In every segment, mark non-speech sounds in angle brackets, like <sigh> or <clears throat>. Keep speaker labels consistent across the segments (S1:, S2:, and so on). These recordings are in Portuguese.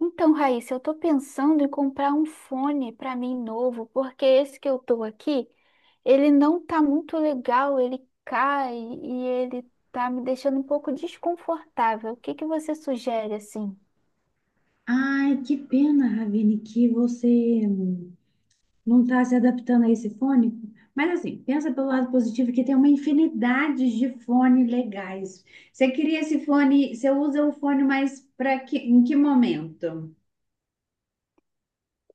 S1: Então, Raíssa, eu tô pensando em comprar um fone para mim novo, porque esse que eu tô aqui, ele não tá muito legal, ele cai e ele tá me deixando um pouco desconfortável. O que que você sugere assim?
S2: Ai, que pena, Ravine, que você não está se adaptando a esse fone. Mas assim, pensa pelo lado positivo que tem uma infinidade de fone legais. Você queria esse fone, você usa o fone mais para que, em que momento?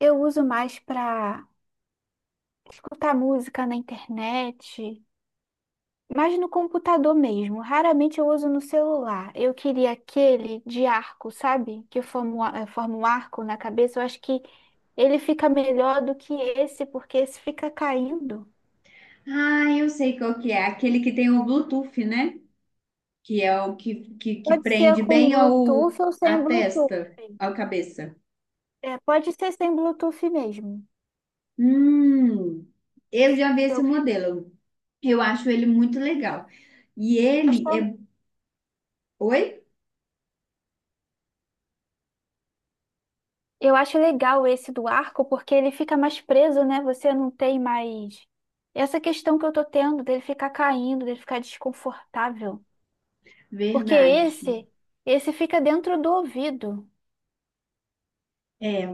S1: Eu uso mais para escutar música na internet, mas no computador mesmo, raramente eu uso no celular. Eu queria aquele de arco, sabe? Que forma um forma um arco na cabeça. Eu acho que ele fica melhor do que esse, porque esse fica caindo.
S2: Ah, eu sei qual que é, aquele que tem o Bluetooth, né? Que é o que, que
S1: Pode ser
S2: prende
S1: com
S2: bem ao,
S1: Bluetooth ou
S2: à
S1: sem Bluetooth.
S2: testa, à cabeça.
S1: É, pode ser sem Bluetooth mesmo.
S2: Hum, eu já vi esse
S1: Eu
S2: modelo. Eu acho ele muito legal. E ele
S1: acho,
S2: é. Oi?
S1: eu acho legal esse do arco, porque ele fica mais preso, né? Você não tem mais. Essa questão que eu tô tendo dele ficar caindo, dele ficar desconfortável. Porque
S2: Verdade.
S1: esse, esse fica dentro do ouvido.
S2: É.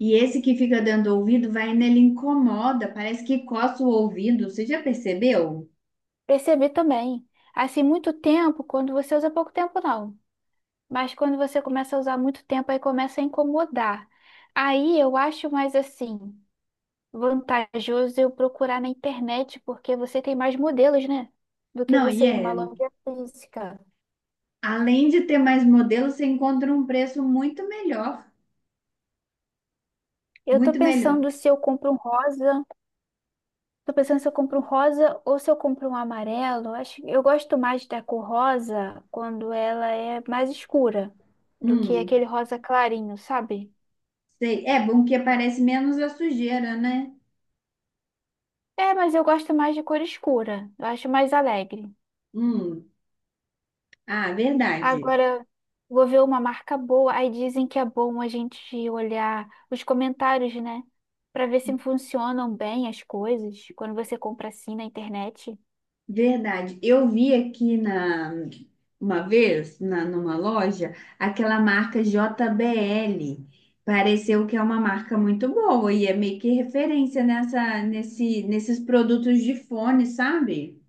S2: E esse que fica dando ouvido vai nele incomoda, parece que coça o ouvido. Você já percebeu?
S1: Percebi também. Assim, muito tempo, quando você usa pouco tempo, não. Mas quando você começa a usar muito tempo, aí começa a incomodar. Aí eu acho mais assim, vantajoso eu procurar na internet, porque você tem mais modelos, né? Do que
S2: Não, e
S1: você ir numa
S2: é.
S1: loja física.
S2: Além de ter mais modelos, você encontra um preço muito melhor.
S1: Eu tô
S2: Muito melhor.
S1: pensando se eu compro um rosa. Tô pensando se eu compro um rosa ou se eu compro um amarelo. Acho, eu gosto mais da cor rosa quando ela é mais escura do que
S2: Hum,
S1: aquele rosa clarinho, sabe?
S2: sei. É bom que aparece menos a sujeira, né?
S1: É, mas eu gosto mais de cor escura. Eu acho mais alegre.
S2: Hum, ah, verdade.
S1: Agora, vou ver uma marca boa. Aí dizem que é bom a gente olhar os comentários, né? Pra ver se funcionam bem as coisas quando você compra assim na internet.
S2: Verdade. Eu vi aqui na uma vez na, numa loja aquela marca JBL. Pareceu que é uma marca muito boa e é meio que referência nessa nesses produtos de fone, sabe?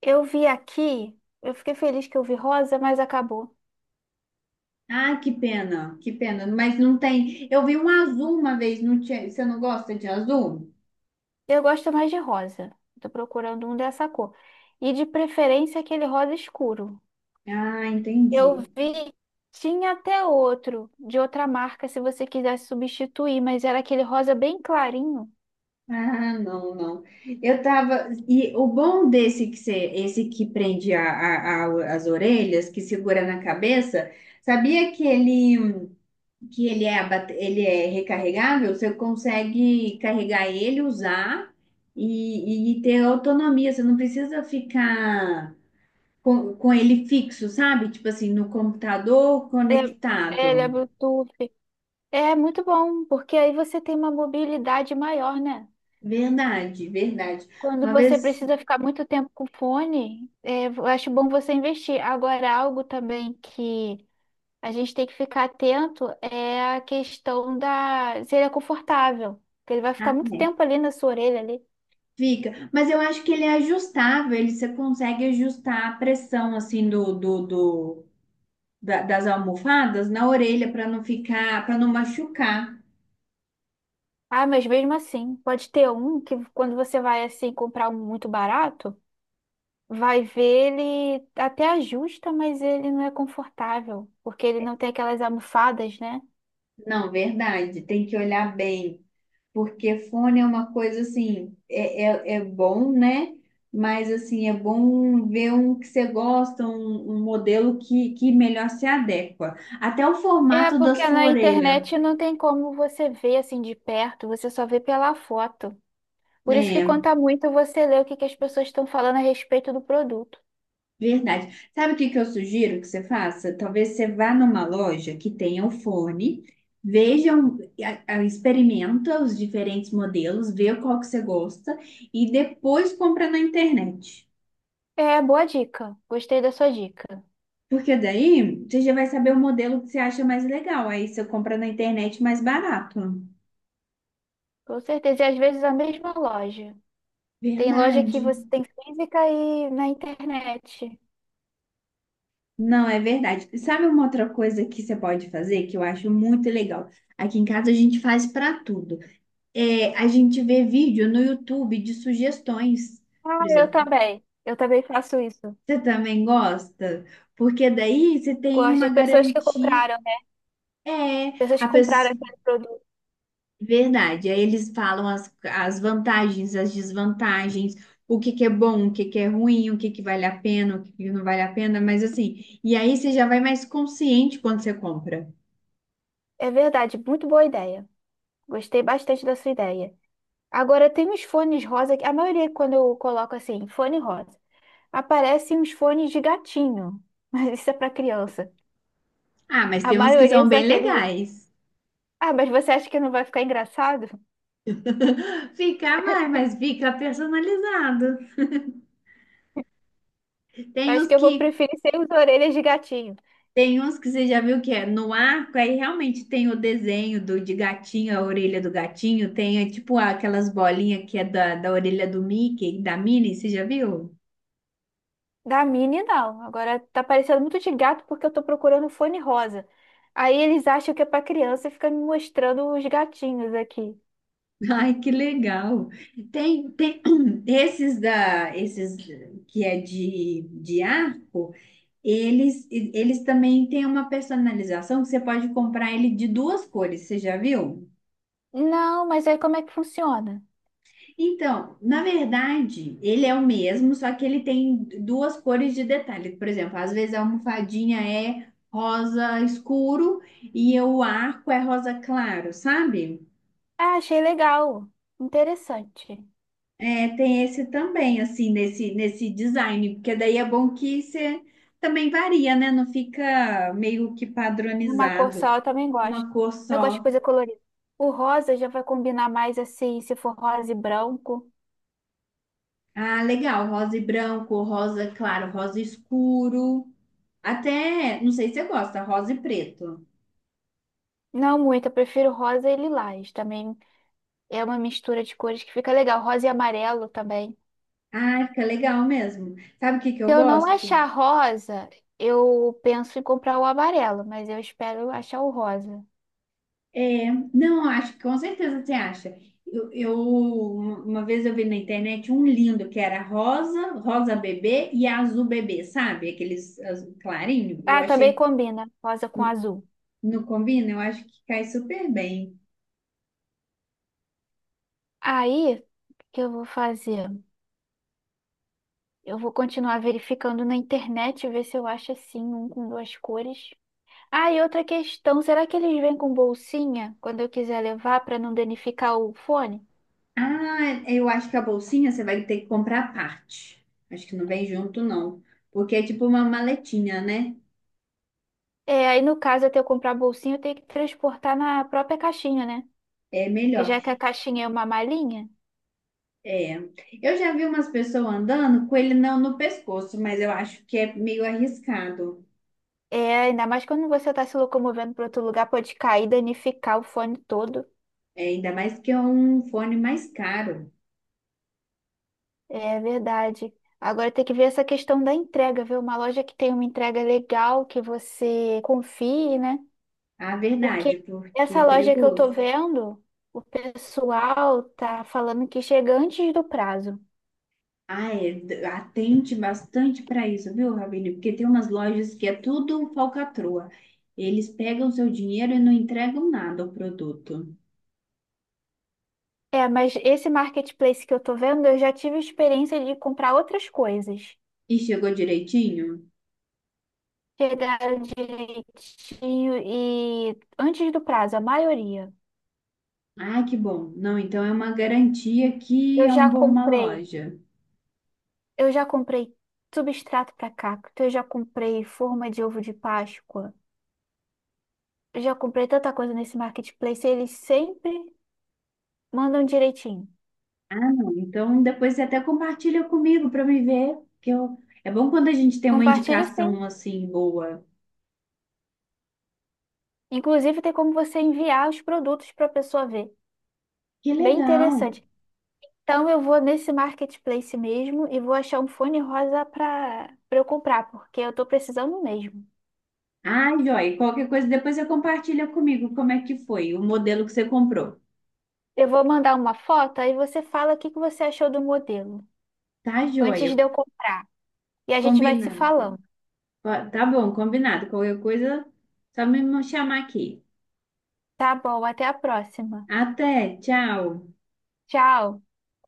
S1: Eu vi aqui, eu fiquei feliz que eu vi rosa, mas acabou.
S2: Ah, que pena, que pena. Mas não tem. Eu vi um azul uma vez, não tinha. Você não gosta de azul?
S1: Eu gosto mais de rosa. Tô procurando um dessa cor. E de preferência aquele rosa escuro.
S2: Ah,
S1: Eu
S2: entendi.
S1: vi, tinha até outro, de outra marca, se você quisesse substituir, mas era aquele rosa bem clarinho.
S2: Ah, não, não. Eu tava. E o bom desse que você, esse que prende a, as orelhas, que segura na cabeça, sabia que ele é, ele é recarregável? Você consegue carregar ele, usar e ter autonomia. Você não precisa ficar com ele fixo, sabe? Tipo assim, no computador
S1: Ele ele é
S2: conectado.
S1: Bluetooth. É muito bom, porque aí você tem uma mobilidade maior, né?
S2: Verdade, verdade.
S1: Quando
S2: Uma
S1: você
S2: vez.
S1: precisa ficar muito tempo com o fone, é, eu acho bom você investir. Agora, algo também que a gente tem que ficar atento é a questão da se ele é confortável, porque ele vai ficar muito tempo ali na sua orelha ali.
S2: Fica, mas eu acho que ele é ajustável, ele você consegue ajustar a pressão assim do, da- das almofadas na orelha para não ficar, para não machucar.
S1: Ah, mas mesmo assim, pode ter um que quando você vai assim comprar um muito barato, vai ver ele até ajusta, mas ele não é confortável, porque ele não tem aquelas almofadas, né?
S2: Não, verdade, tem que olhar bem, porque fone é uma coisa assim, é bom, né? Mas assim, é bom ver um que você gosta, um modelo que melhor se adequa. Até o
S1: É,
S2: formato da
S1: porque
S2: sua
S1: na
S2: orelha.
S1: internet não tem como você ver assim de perto, você só vê pela foto. Por isso que
S2: Né?
S1: conta muito você ler o que que as pessoas estão falando a respeito do produto.
S2: Verdade. Sabe o que que eu sugiro que você faça? Talvez você vá numa loja que tenha o fone, veja, experimenta os diferentes modelos, vê qual que você gosta e depois compra na internet.
S1: É, boa dica. Gostei da sua dica.
S2: Porque daí você já vai saber o modelo que você acha mais legal. Aí você compra na internet mais barato.
S1: Com certeza. E às vezes a mesma loja. Tem loja que
S2: Verdade.
S1: você tem física e na internet.
S2: Não, é verdade. Sabe uma outra coisa que você pode fazer que eu acho muito legal? Aqui em casa a gente faz para tudo. É, a gente vê vídeo no YouTube de sugestões,
S1: Ah,
S2: por
S1: eu
S2: exemplo.
S1: também. Eu também faço isso.
S2: Você também gosta? Porque daí você tem
S1: Gosto
S2: uma
S1: de pessoas que
S2: garantia.
S1: compraram, né?
S2: É,
S1: Pessoas
S2: a
S1: que compraram
S2: pessoa...
S1: aquele produto.
S2: Verdade, aí eles falam as, as vantagens, as desvantagens, o que que é bom, o que que é ruim, o que que vale a pena, o que que não vale a pena, mas assim, e aí você já vai mais consciente quando você compra.
S1: É verdade, muito boa ideia. Gostei bastante da sua ideia. Agora, tem uns fones rosa que a maioria, quando eu coloco assim, fone rosa, aparecem uns fones de gatinho. <laughs> Mas isso é para criança.
S2: Ah, mas
S1: A
S2: tem uns que
S1: maioria
S2: são
S1: são
S2: bem
S1: aqueles.
S2: legais.
S1: Ah, mas você acha que não vai ficar engraçado?
S2: <laughs> Fica, vai, mas fica personalizado. Tem
S1: Acho
S2: os
S1: que eu vou
S2: que
S1: preferir sem as orelhas de gatinho.
S2: tem uns que você já viu que é no arco, aí realmente tem o desenho do de gatinho, a orelha do gatinho, tem é, tipo aquelas bolinhas que é da, da orelha do Mickey, da Minnie, você já viu?
S1: Da Minnie, não. Agora tá parecendo muito de gato porque eu tô procurando fone rosa. Aí eles acham que é pra criança e fica me mostrando os gatinhos aqui.
S2: <laughs> Ai, que legal. Tem, tem <clears throat> esses da esses que é de arco, eles também têm uma personalização que você pode comprar ele de duas cores, você já viu?
S1: Não, mas aí como é que funciona?
S2: Então, na verdade, ele é o mesmo, só que ele tem duas cores de detalhe. Por exemplo, às vezes a almofadinha é rosa escuro e o arco é rosa claro, sabe?
S1: Ah, achei legal. Interessante.
S2: É, tem esse também, assim, nesse, nesse design, porque daí é bom que você também varia, né? Não fica meio que
S1: Numa cor
S2: padronizado,
S1: só eu também gosto.
S2: uma cor
S1: Eu gosto de
S2: só.
S1: coisa colorida. O rosa já vai combinar mais assim, se for rosa e branco.
S2: Ah, legal, rosa e branco, rosa claro, rosa escuro. Até, não sei se você gosta, rosa e preto.
S1: Não muito, eu prefiro rosa e lilás. Também é uma mistura de cores que fica legal. Rosa e amarelo também.
S2: Ai, fica legal mesmo. Sabe o que que eu
S1: Se eu não
S2: gosto?
S1: achar rosa, eu penso em comprar o amarelo, mas eu espero achar o rosa.
S2: É, não, eu acho que com certeza você acha. Eu, uma vez eu vi na internet um lindo que era rosa, rosa bebê e azul bebê, sabe? Aqueles azul clarinho. Eu
S1: Ah, também
S2: achei,
S1: combina rosa com azul.
S2: não combina? Eu acho que cai super bem.
S1: Aí, o que eu vou fazer? Eu vou continuar verificando na internet, ver se eu acho assim, um com duas cores. Ah, e outra questão, será que eles vêm com bolsinha quando eu quiser levar para não danificar o fone?
S2: Ah, eu acho que a bolsinha você vai ter que comprar à parte. Acho que não vem junto, não. Porque é tipo uma maletinha, né?
S1: É, aí no caso, até eu comprar bolsinha, eu tenho que transportar na própria caixinha, né?
S2: É
S1: Que
S2: melhor.
S1: já que a caixinha é uma malinha.
S2: É, eu já vi umas pessoas andando com ele não no pescoço, mas eu acho que é meio arriscado.
S1: É, ainda mais quando você está se locomovendo para outro lugar, pode cair, danificar o fone todo.
S2: É, ainda mais que é um fone mais caro.
S1: É verdade. Agora tem que ver essa questão da entrega, ver uma loja que tem uma entrega legal, que você confie, né?
S2: A
S1: Porque
S2: verdade, porque é
S1: essa loja que eu tô
S2: perigoso.
S1: vendo, o pessoal tá falando que chega antes do prazo.
S2: Ah, é, atente bastante para isso, viu, Rabine? Porque tem umas lojas que é tudo falcatrua. Eles pegam seu dinheiro e não entregam nada ao produto.
S1: É, mas esse marketplace que eu tô vendo, eu já tive experiência de comprar outras coisas.
S2: E chegou direitinho?
S1: Chegaram direitinho e antes do prazo, a maioria.
S2: Ah, que bom. Não, então é uma garantia que
S1: Eu
S2: é um
S1: já
S2: bom uma
S1: comprei,
S2: loja.
S1: eu já comprei substrato para cacto, eu já comprei forma de ovo de Páscoa, eu já comprei tanta coisa nesse marketplace, eles sempre mandam direitinho.
S2: Ah, não. Então depois você até compartilha comigo para me ver, que eu... é bom quando a gente tem uma
S1: Compartilho sim.
S2: indicação assim boa.
S1: Inclusive tem como você enviar os produtos para a pessoa ver.
S2: Que
S1: Bem
S2: legal.
S1: interessante. Então eu vou nesse marketplace mesmo e vou achar um fone rosa para eu comprar, porque eu tô precisando mesmo.
S2: Ah, joia. Qualquer coisa depois você compartilha comigo como é que foi o modelo que você comprou.
S1: Eu vou mandar uma foto aí você fala o que que você achou do modelo
S2: Tá,
S1: antes
S2: joia.
S1: de eu comprar. E a gente vai se
S2: Combinado.
S1: falando.
S2: Ó, tá bom, combinado. Qualquer coisa, só me chamar aqui.
S1: Tá bom, até a próxima.
S2: Até, tchau.
S1: Tchau.